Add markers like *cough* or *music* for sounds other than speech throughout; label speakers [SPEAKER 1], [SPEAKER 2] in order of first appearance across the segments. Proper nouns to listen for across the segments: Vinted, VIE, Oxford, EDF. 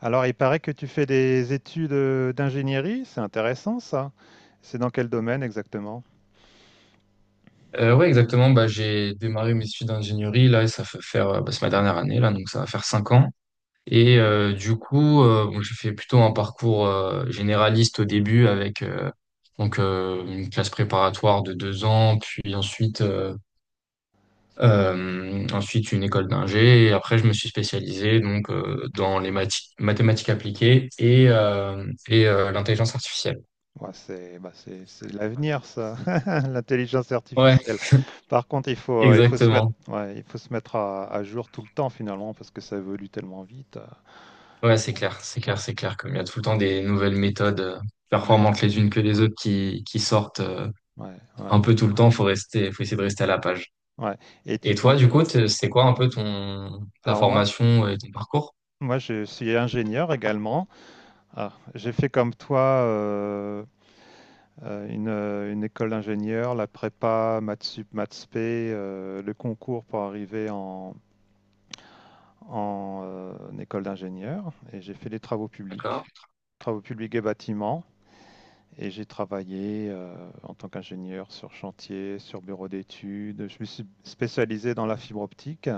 [SPEAKER 1] Alors, il paraît que tu fais des études d'ingénierie, c'est intéressant ça. C'est dans quel domaine exactement?
[SPEAKER 2] Ouais, exactement. J'ai démarré mes études d'ingénierie là, et ça fait faire, c'est ma dernière année, là, donc ça va faire 5 ans. Et du coup, bon, j'ai fait plutôt un parcours généraliste au début avec une classe préparatoire de 2 ans, puis ensuite une école d'ingé. Et après, je me suis spécialisé dans les mathématiques appliquées et l'intelligence artificielle.
[SPEAKER 1] Ouais, c'est c'est l'avenir ça, *laughs* l'intelligence
[SPEAKER 2] Ouais,
[SPEAKER 1] artificielle. Par contre, il faut se mettre,
[SPEAKER 2] exactement.
[SPEAKER 1] ouais, il faut se mettre à jour tout le temps finalement parce que ça évolue tellement vite.
[SPEAKER 2] Ouais, c'est clair, c'est
[SPEAKER 1] Ouais,
[SPEAKER 2] clair, c'est clair. Comme il y a tout le temps des nouvelles méthodes
[SPEAKER 1] ouais,
[SPEAKER 2] performantes les unes que les autres qui sortent
[SPEAKER 1] ouais, ouais.
[SPEAKER 2] un peu tout le temps, faut essayer de rester à la page.
[SPEAKER 1] Ouais. Et tu
[SPEAKER 2] Et toi,
[SPEAKER 1] comptes.
[SPEAKER 2] du coup, c'est quoi un peu ton ta
[SPEAKER 1] Alors moi,
[SPEAKER 2] formation et ton parcours?
[SPEAKER 1] Moi, je suis ingénieur également. Ah, j'ai fait comme toi. Une école d'ingénieur, la prépa, maths sup, maths p, le concours pour arriver en école d'ingénieur. Et j'ai fait les
[SPEAKER 2] D'accord,
[SPEAKER 1] travaux publics et bâtiments. Et j'ai travaillé en tant qu'ingénieur sur chantier, sur bureau d'études. Je me suis spécialisé dans la fibre optique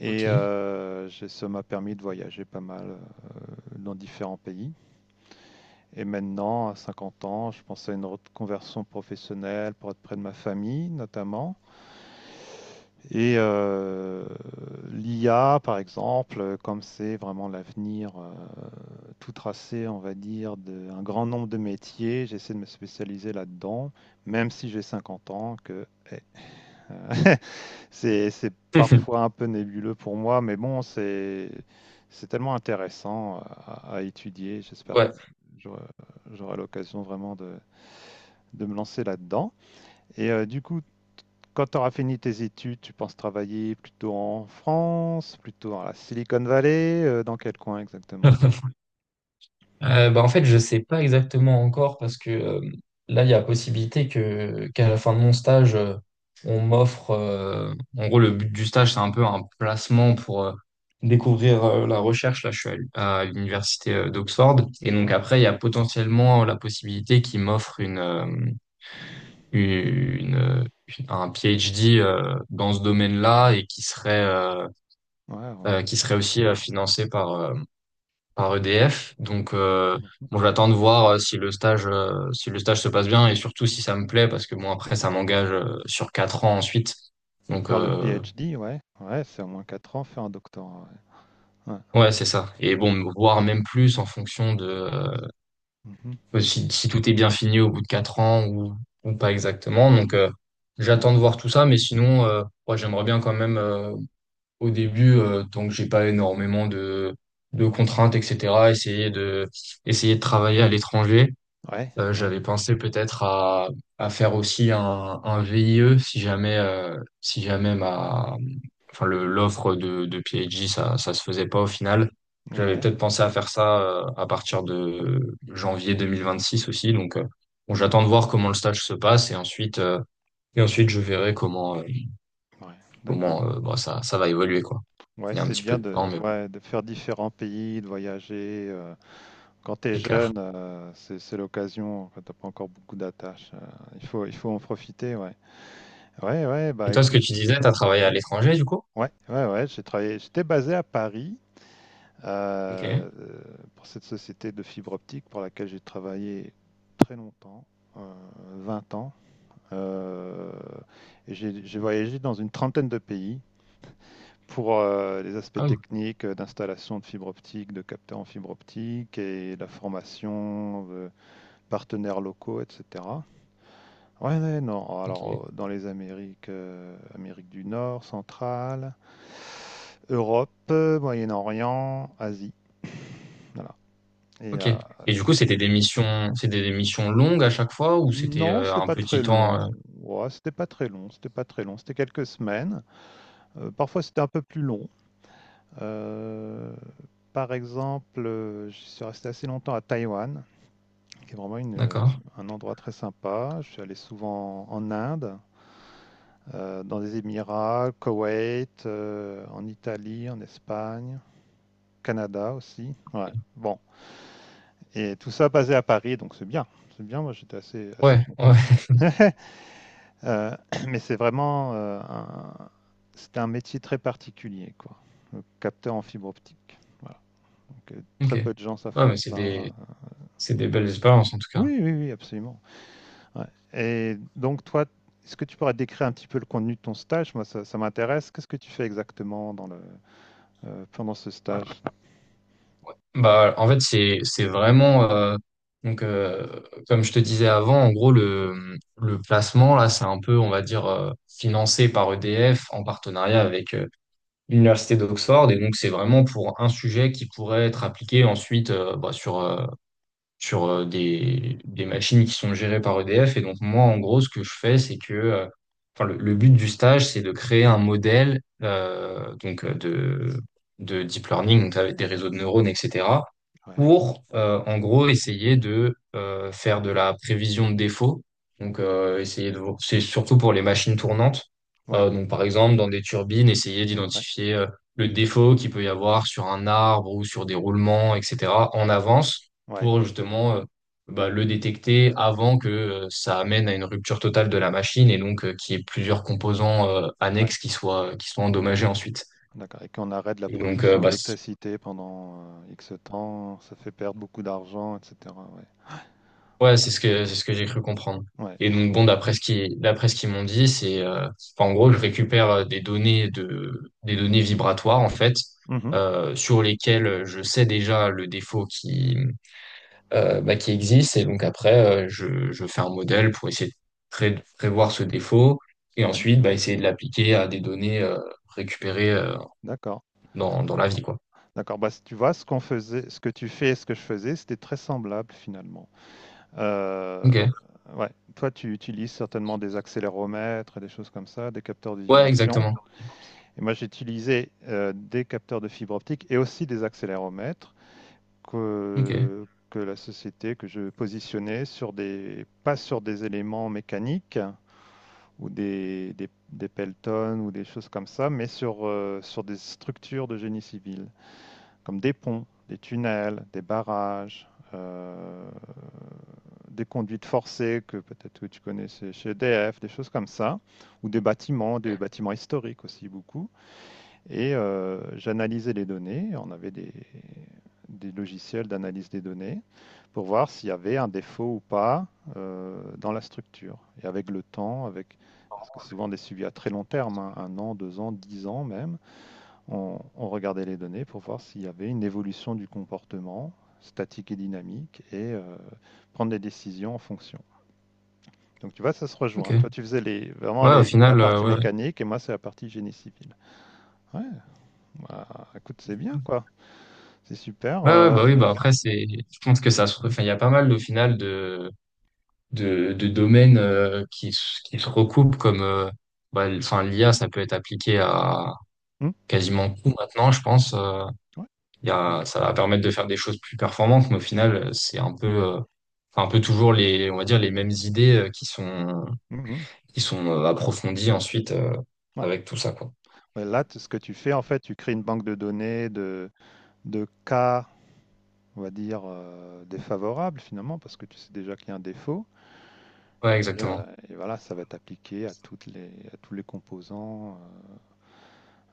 [SPEAKER 1] et
[SPEAKER 2] ok.
[SPEAKER 1] ça m'a permis de voyager pas mal dans différents pays. Et maintenant, à 50 ans, je pense à une reconversion professionnelle pour être près de ma famille, notamment. Et euh, L'IA, par exemple, comme c'est vraiment l'avenir tout tracé, on va dire, d'un grand nombre de métiers, j'essaie de me spécialiser là-dedans, même si j'ai 50 ans, eh, *laughs* c'est
[SPEAKER 2] *laughs*
[SPEAKER 1] parfois un peu nébuleux pour moi, mais bon, c'est tellement intéressant à étudier. J'espère
[SPEAKER 2] Ouais.
[SPEAKER 1] que j'aurai j'aurai l'occasion vraiment de me lancer là-dedans. Et du coup, quand tu auras fini tes études, tu penses travailler plutôt en France, plutôt dans la Silicon Valley, dans quel coin exactement?
[SPEAKER 2] *laughs* En fait, je sais pas exactement encore parce que là, il y a possibilité que qu'à la fin de mon stage, on m'offre. En gros, le but du stage, c'est un peu un placement pour découvrir la recherche. Là, je suis à l'université d'Oxford. Et donc,
[SPEAKER 1] Waouh,
[SPEAKER 2] après, il y a potentiellement la possibilité qu'ils m'offrent une, euh, un PhD dans ce domaine-là et
[SPEAKER 1] ouais, ouais.
[SPEAKER 2] qui serait aussi financé par EDF. Donc,
[SPEAKER 1] Mhm.
[SPEAKER 2] bon, j'attends de voir si le stage se passe bien et surtout si ça me plaît, parce que bon, après, ça m'engage sur 4 ans ensuite. Donc,
[SPEAKER 1] Faire le PhD, ouais, ouais, c'est au moins 4 ans, faire un doctorat, ouais. Ouais,
[SPEAKER 2] ouais, c'est ça. Et bon, voir même plus en fonction de
[SPEAKER 1] mhm.
[SPEAKER 2] si, si tout est bien fini au bout de 4 ans ou pas exactement. Donc,
[SPEAKER 1] Ouais,
[SPEAKER 2] j'attends de voir tout ça, mais sinon, moi, j'aimerais bien quand même au début, tant que j'ai pas énormément de contraintes, etc., essayer de travailler à l'étranger.
[SPEAKER 1] ouais, ouais,
[SPEAKER 2] J'avais pensé à faire aussi un VIE si jamais, si jamais enfin l'offre de PhD, ça se faisait pas au final. J'avais
[SPEAKER 1] ouais,
[SPEAKER 2] peut-être pensé à faire ça à partir de janvier 2026 aussi. Donc, bon, j'attends
[SPEAKER 1] mhm.
[SPEAKER 2] de voir comment le stage se passe et ensuite je verrai comment, euh,
[SPEAKER 1] Ouais,
[SPEAKER 2] comment
[SPEAKER 1] d'accord.
[SPEAKER 2] euh, bon, ça va évoluer, quoi.
[SPEAKER 1] Ouais,
[SPEAKER 2] Il y a un
[SPEAKER 1] c'est
[SPEAKER 2] petit peu
[SPEAKER 1] bien
[SPEAKER 2] de temps,
[SPEAKER 1] de,
[SPEAKER 2] mais
[SPEAKER 1] ouais, de faire différents pays, de voyager. Quand tu es
[SPEAKER 2] c'est clair.
[SPEAKER 1] jeune, c'est l'occasion, quand t'as pas encore beaucoup d'attaches. Il faut en profiter, ouais. Ouais, ouais,
[SPEAKER 2] Et
[SPEAKER 1] bah
[SPEAKER 2] toi, ce que
[SPEAKER 1] écoute.
[SPEAKER 2] tu disais, tu as travaillé à l'étranger, du coup?
[SPEAKER 1] Ouais, ouais, ouais, j'ai travaillé, j'étais basé à Paris
[SPEAKER 2] Ok.
[SPEAKER 1] euh, pour cette société de fibre optique pour laquelle j'ai travaillé très longtemps, euh, 20 ans. Euh, et j'ai voyagé dans une trentaine de pays pour les aspects
[SPEAKER 2] Ah oui.
[SPEAKER 1] techniques d'installation de fibre optique, de capteurs en fibre optique et la formation de partenaires locaux, etc. Ouais, ouais, non. Alors,
[SPEAKER 2] Ok.
[SPEAKER 1] dans les Amériques, Amérique du Nord, centrale, Europe, Moyen-Orient, Asie, voilà. Et
[SPEAKER 2] Ok. Et du coup,
[SPEAKER 1] c-
[SPEAKER 2] c'était des missions longues à chaque fois ou c'était
[SPEAKER 1] non, c'était
[SPEAKER 2] un
[SPEAKER 1] pas
[SPEAKER 2] petit
[SPEAKER 1] très
[SPEAKER 2] temps.
[SPEAKER 1] long. Ouais, c'était pas très long. C'était pas très long. C'était quelques semaines. Parfois, c'était un peu plus long. Euh, Par exemple, je suis resté assez longtemps à Taïwan, qui est vraiment
[SPEAKER 2] D'accord.
[SPEAKER 1] un endroit très sympa. Je suis allé souvent en Inde. Dans les Émirats, Koweït, en Italie, en Espagne, Canada aussi. Ouais. Bon, et tout ça basé à Paris, donc c'est bien. C'est bien, moi j'étais assez, assez
[SPEAKER 2] Ouais, ouais,
[SPEAKER 1] content. Euh, *clears throat* mais c'est vraiment c'était un métier très particulier, quoi. Le capteur en fibre optique. Voilà. Donc,
[SPEAKER 2] *laughs* ok.
[SPEAKER 1] très peu de gens savent
[SPEAKER 2] Ouais, mais
[SPEAKER 1] faire ça.
[SPEAKER 2] c'est des belles expériences en tout cas.
[SPEAKER 1] Oui, oui, oui, absolument. Ouais. Et donc toi, est-ce que tu pourrais décrire un petit peu le contenu de ton stage? Moi, ça m'intéresse. Qu'est-ce que tu fais exactement dans pendant ce stage?
[SPEAKER 2] C'est vraiment. Donc, euh, Comme je te disais avant, en gros, le placement là, c'est un peu, on va dire, financé par EDF en partenariat avec l'université d'Oxford. Et donc, c'est vraiment pour un sujet qui pourrait être appliqué ensuite sur des machines qui sont gérées par EDF. Et donc, moi, en gros, ce que je fais, c'est que enfin, le but du stage, c'est de créer un modèle de deep learning, donc avec des réseaux de neurones, etc.,
[SPEAKER 1] Ouais,
[SPEAKER 2] pour, en gros, essayer de faire de la prévision de défauts. Donc, c'est surtout pour les machines tournantes.
[SPEAKER 1] ouais,
[SPEAKER 2] Donc, par exemple, dans des turbines, essayer
[SPEAKER 1] ouais,
[SPEAKER 2] d'identifier le défaut qu'il peut y avoir sur un arbre ou sur des roulements, etc., en avance
[SPEAKER 1] ouais,
[SPEAKER 2] pour justement le détecter avant que ça amène à une rupture totale de la machine et donc qu'il y ait plusieurs composants
[SPEAKER 1] ouais.
[SPEAKER 2] annexes qui soient endommagés ensuite.
[SPEAKER 1] D'accord, et qu'on arrête la
[SPEAKER 2] Et donc,
[SPEAKER 1] production d'électricité pendant, X temps, ça fait perdre beaucoup d'argent et cetera, ouais.
[SPEAKER 2] ouais, c'est ce que j'ai cru comprendre.
[SPEAKER 1] Ouais.
[SPEAKER 2] Et donc, bon, d'après ce qu'ils m'ont dit, enfin, en gros, je récupère des données vibratoires, en fait,
[SPEAKER 1] Mmh.
[SPEAKER 2] sur lesquelles je sais déjà le défaut qui existe. Et donc après, je fais un modèle pour essayer de prévoir ce défaut et
[SPEAKER 1] Ouais,
[SPEAKER 2] ensuite bah, essayer de l'appliquer à des données récupérées
[SPEAKER 1] d'accord.
[SPEAKER 2] dans la vie, quoi.
[SPEAKER 1] D'accord, bah, c tu vois ce qu'on faisait, ce que tu fais et ce que je faisais, c'était très semblable finalement. Heu,
[SPEAKER 2] Ok.
[SPEAKER 1] ouais, toi tu utilises certainement des accéléromètres et des choses comme ça, des capteurs de
[SPEAKER 2] Ouais,
[SPEAKER 1] vibrations,
[SPEAKER 2] exactement.
[SPEAKER 1] et moi j'utilisais, des capteurs de fibre optique et aussi des accéléromètres
[SPEAKER 2] Ok.
[SPEAKER 1] que la société que je positionnais sur des, pas sur des éléments mécaniques ou des pelotons ou des choses comme ça, mais sur, sur des structures de génie civil, comme des ponts, des tunnels, des barrages, des conduites forcées que peut-être tu connaissais chez EDF, des choses comme ça, ou des bâtiments historiques aussi beaucoup. Et j'analysais les données. On avait des logiciels d'analyse des données pour voir s'il y avait un défaut ou pas dans la structure. Et avec le temps, avec parce que souvent des suivis à très long terme, hein, un an, deux ans, dix ans même, on regardait les données pour voir s'il y avait une évolution du comportement statique et dynamique et prendre des décisions en fonction. Donc tu vois, ça se
[SPEAKER 2] Ok.
[SPEAKER 1] rejoint. Toi, tu faisais
[SPEAKER 2] Ouais, au
[SPEAKER 1] la
[SPEAKER 2] final,
[SPEAKER 1] partie
[SPEAKER 2] ouais.
[SPEAKER 1] mécanique et moi, c'est la partie génie civil. Ouais, bah, écoute, c'est bien quoi. C'est super,
[SPEAKER 2] Ouais, ouais, bah oui, bah après, c'est, je pense que ça se, enfin, il y a pas mal, au final, de domaines qui se recoupent enfin, l'IA, ça peut être appliqué à
[SPEAKER 1] mmh,
[SPEAKER 2] quasiment tout maintenant, je pense.
[SPEAKER 1] ouais,
[SPEAKER 2] Il y
[SPEAKER 1] ouais,
[SPEAKER 2] a,
[SPEAKER 1] ouais.
[SPEAKER 2] ça va permettre de faire des choses plus performantes, mais au final, c'est un peu, enfin, un peu toujours on va dire, les mêmes idées
[SPEAKER 1] Mmh.
[SPEAKER 2] qui sont approfondies ensuite
[SPEAKER 1] Ouais.
[SPEAKER 2] avec tout ça, quoi.
[SPEAKER 1] Ouais, là, t ce que tu fais, en fait, tu crées une banque de données de cas, on va dire, défavorables finalement, parce que tu sais déjà qu'il y a un défaut,
[SPEAKER 2] Ouais,
[SPEAKER 1] et
[SPEAKER 2] exactement.
[SPEAKER 1] voilà, ça va être appliqué à toutes les à tous les composants,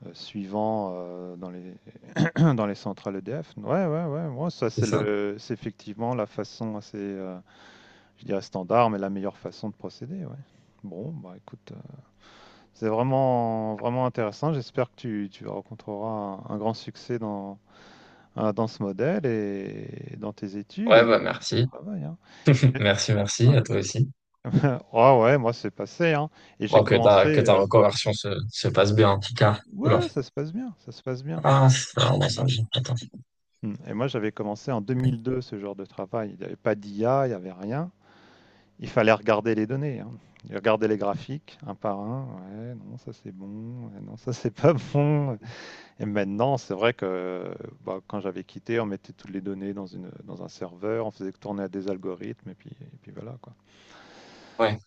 [SPEAKER 1] suivants, dans les *coughs* *clears throat* dans les centrales EDF. Ouais, ouais, ouais. Moi, ça
[SPEAKER 2] C'est
[SPEAKER 1] c'est
[SPEAKER 2] ça.
[SPEAKER 1] le c'est effectivement la façon assez, je dirais standard, mais la meilleure façon de procéder, ouais. Bon, bah, écoute, c'est vraiment, vraiment intéressant. J'espère que tu rencontreras un grand succès dans, dans ce modèle et dans tes études
[SPEAKER 2] Ouais,
[SPEAKER 1] et
[SPEAKER 2] bah,
[SPEAKER 1] dans ton
[SPEAKER 2] merci.
[SPEAKER 1] travail. Hein.
[SPEAKER 2] *laughs*
[SPEAKER 1] Et-
[SPEAKER 2] Merci, merci à
[SPEAKER 1] Ouais.
[SPEAKER 2] toi aussi.
[SPEAKER 1] *laughs* Ah ouais, moi c'est passé, hein. Et j'ai
[SPEAKER 2] Bon,
[SPEAKER 1] commencé.
[SPEAKER 2] que ta reconversion se passe bien, en tout cas. Oula.
[SPEAKER 1] Ouais, ça se passe bien, ça se passe bien.
[SPEAKER 2] Ah, ça, ouais,
[SPEAKER 1] Ouais.
[SPEAKER 2] ça me gêne. Attends.
[SPEAKER 1] Mm. Et moi j'avais commencé en 2002 ce genre de travail. Il n'y avait pas d'IA, il n'y avait rien. Il fallait regarder les données, hein. Regarder les graphiques un par un. Ouais, non, ça c'est bon. Ouais, non, ça c'est pas bon. Et maintenant, c'est vrai que bah, quand j'avais quitté, on mettait toutes les données dans un serveur, on faisait tourner à des algorithmes, et puis voilà, quoi.
[SPEAKER 2] Ouais,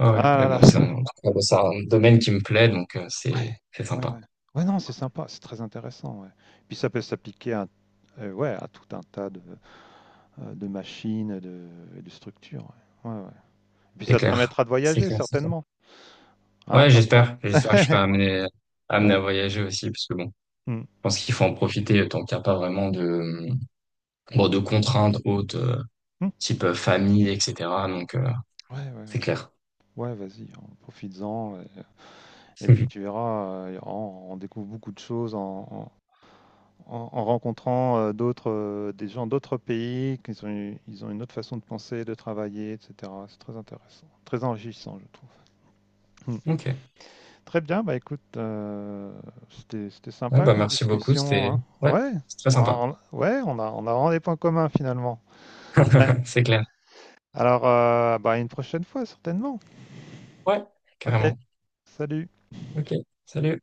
[SPEAKER 2] ouais, ouais.
[SPEAKER 1] Ah
[SPEAKER 2] Mais
[SPEAKER 1] là là,
[SPEAKER 2] bon, c'est un domaine qui me plaît, donc
[SPEAKER 1] ouais,
[SPEAKER 2] c'est
[SPEAKER 1] ouais,
[SPEAKER 2] sympa.
[SPEAKER 1] ouais. Ouais, non, c'est sympa, c'est très intéressant, ouais. Puis ça peut s'appliquer à, ouais, à tout un tas de machines, de, et de structures, ouais. Ouais, ouais. Puis
[SPEAKER 2] C'est
[SPEAKER 1] ça te
[SPEAKER 2] clair.
[SPEAKER 1] permettra de
[SPEAKER 2] C'est
[SPEAKER 1] voyager,
[SPEAKER 2] clair, c'est clair.
[SPEAKER 1] certainement, hein,
[SPEAKER 2] Ouais,
[SPEAKER 1] quand...
[SPEAKER 2] j'espère. J'espère que je serai
[SPEAKER 1] *laughs*
[SPEAKER 2] amené, amené à
[SPEAKER 1] Ouais.
[SPEAKER 2] voyager aussi, parce que bon, je
[SPEAKER 1] Hmm.
[SPEAKER 2] pense qu'il faut en profiter tant qu'il n'y a pas vraiment de, bon, de contraintes hautes,
[SPEAKER 1] Hmm.
[SPEAKER 2] type famille, etc. Donc,
[SPEAKER 1] Ouais, ouais, ouais.
[SPEAKER 2] c'est clair.
[SPEAKER 1] Ouais, vas-y, en profites-en. Ouais. Et puis tu
[SPEAKER 2] *laughs*
[SPEAKER 1] verras, on découvre beaucoup de choses en rencontrant des gens d'autres pays, qu'ils ont, ils ont une autre façon de penser, de travailler, etc. C'est très intéressant, très enrichissant, je trouve. Hmm.
[SPEAKER 2] Ok.
[SPEAKER 1] Très bien, bah écoute, c'était, c'était
[SPEAKER 2] Ouais,
[SPEAKER 1] sympa
[SPEAKER 2] bah,
[SPEAKER 1] comme
[SPEAKER 2] merci beaucoup.
[SPEAKER 1] discussion, hein.
[SPEAKER 2] Ouais,
[SPEAKER 1] Ouais,
[SPEAKER 2] c'est très sympa.
[SPEAKER 1] on, ouais, on a vraiment des points communs finalement. Ouais.
[SPEAKER 2] *laughs* C'est clair.
[SPEAKER 1] Alors, bah, à une prochaine fois certainement.
[SPEAKER 2] Ouais,
[SPEAKER 1] Ok,
[SPEAKER 2] carrément.
[SPEAKER 1] salut.
[SPEAKER 2] Ok. Salut.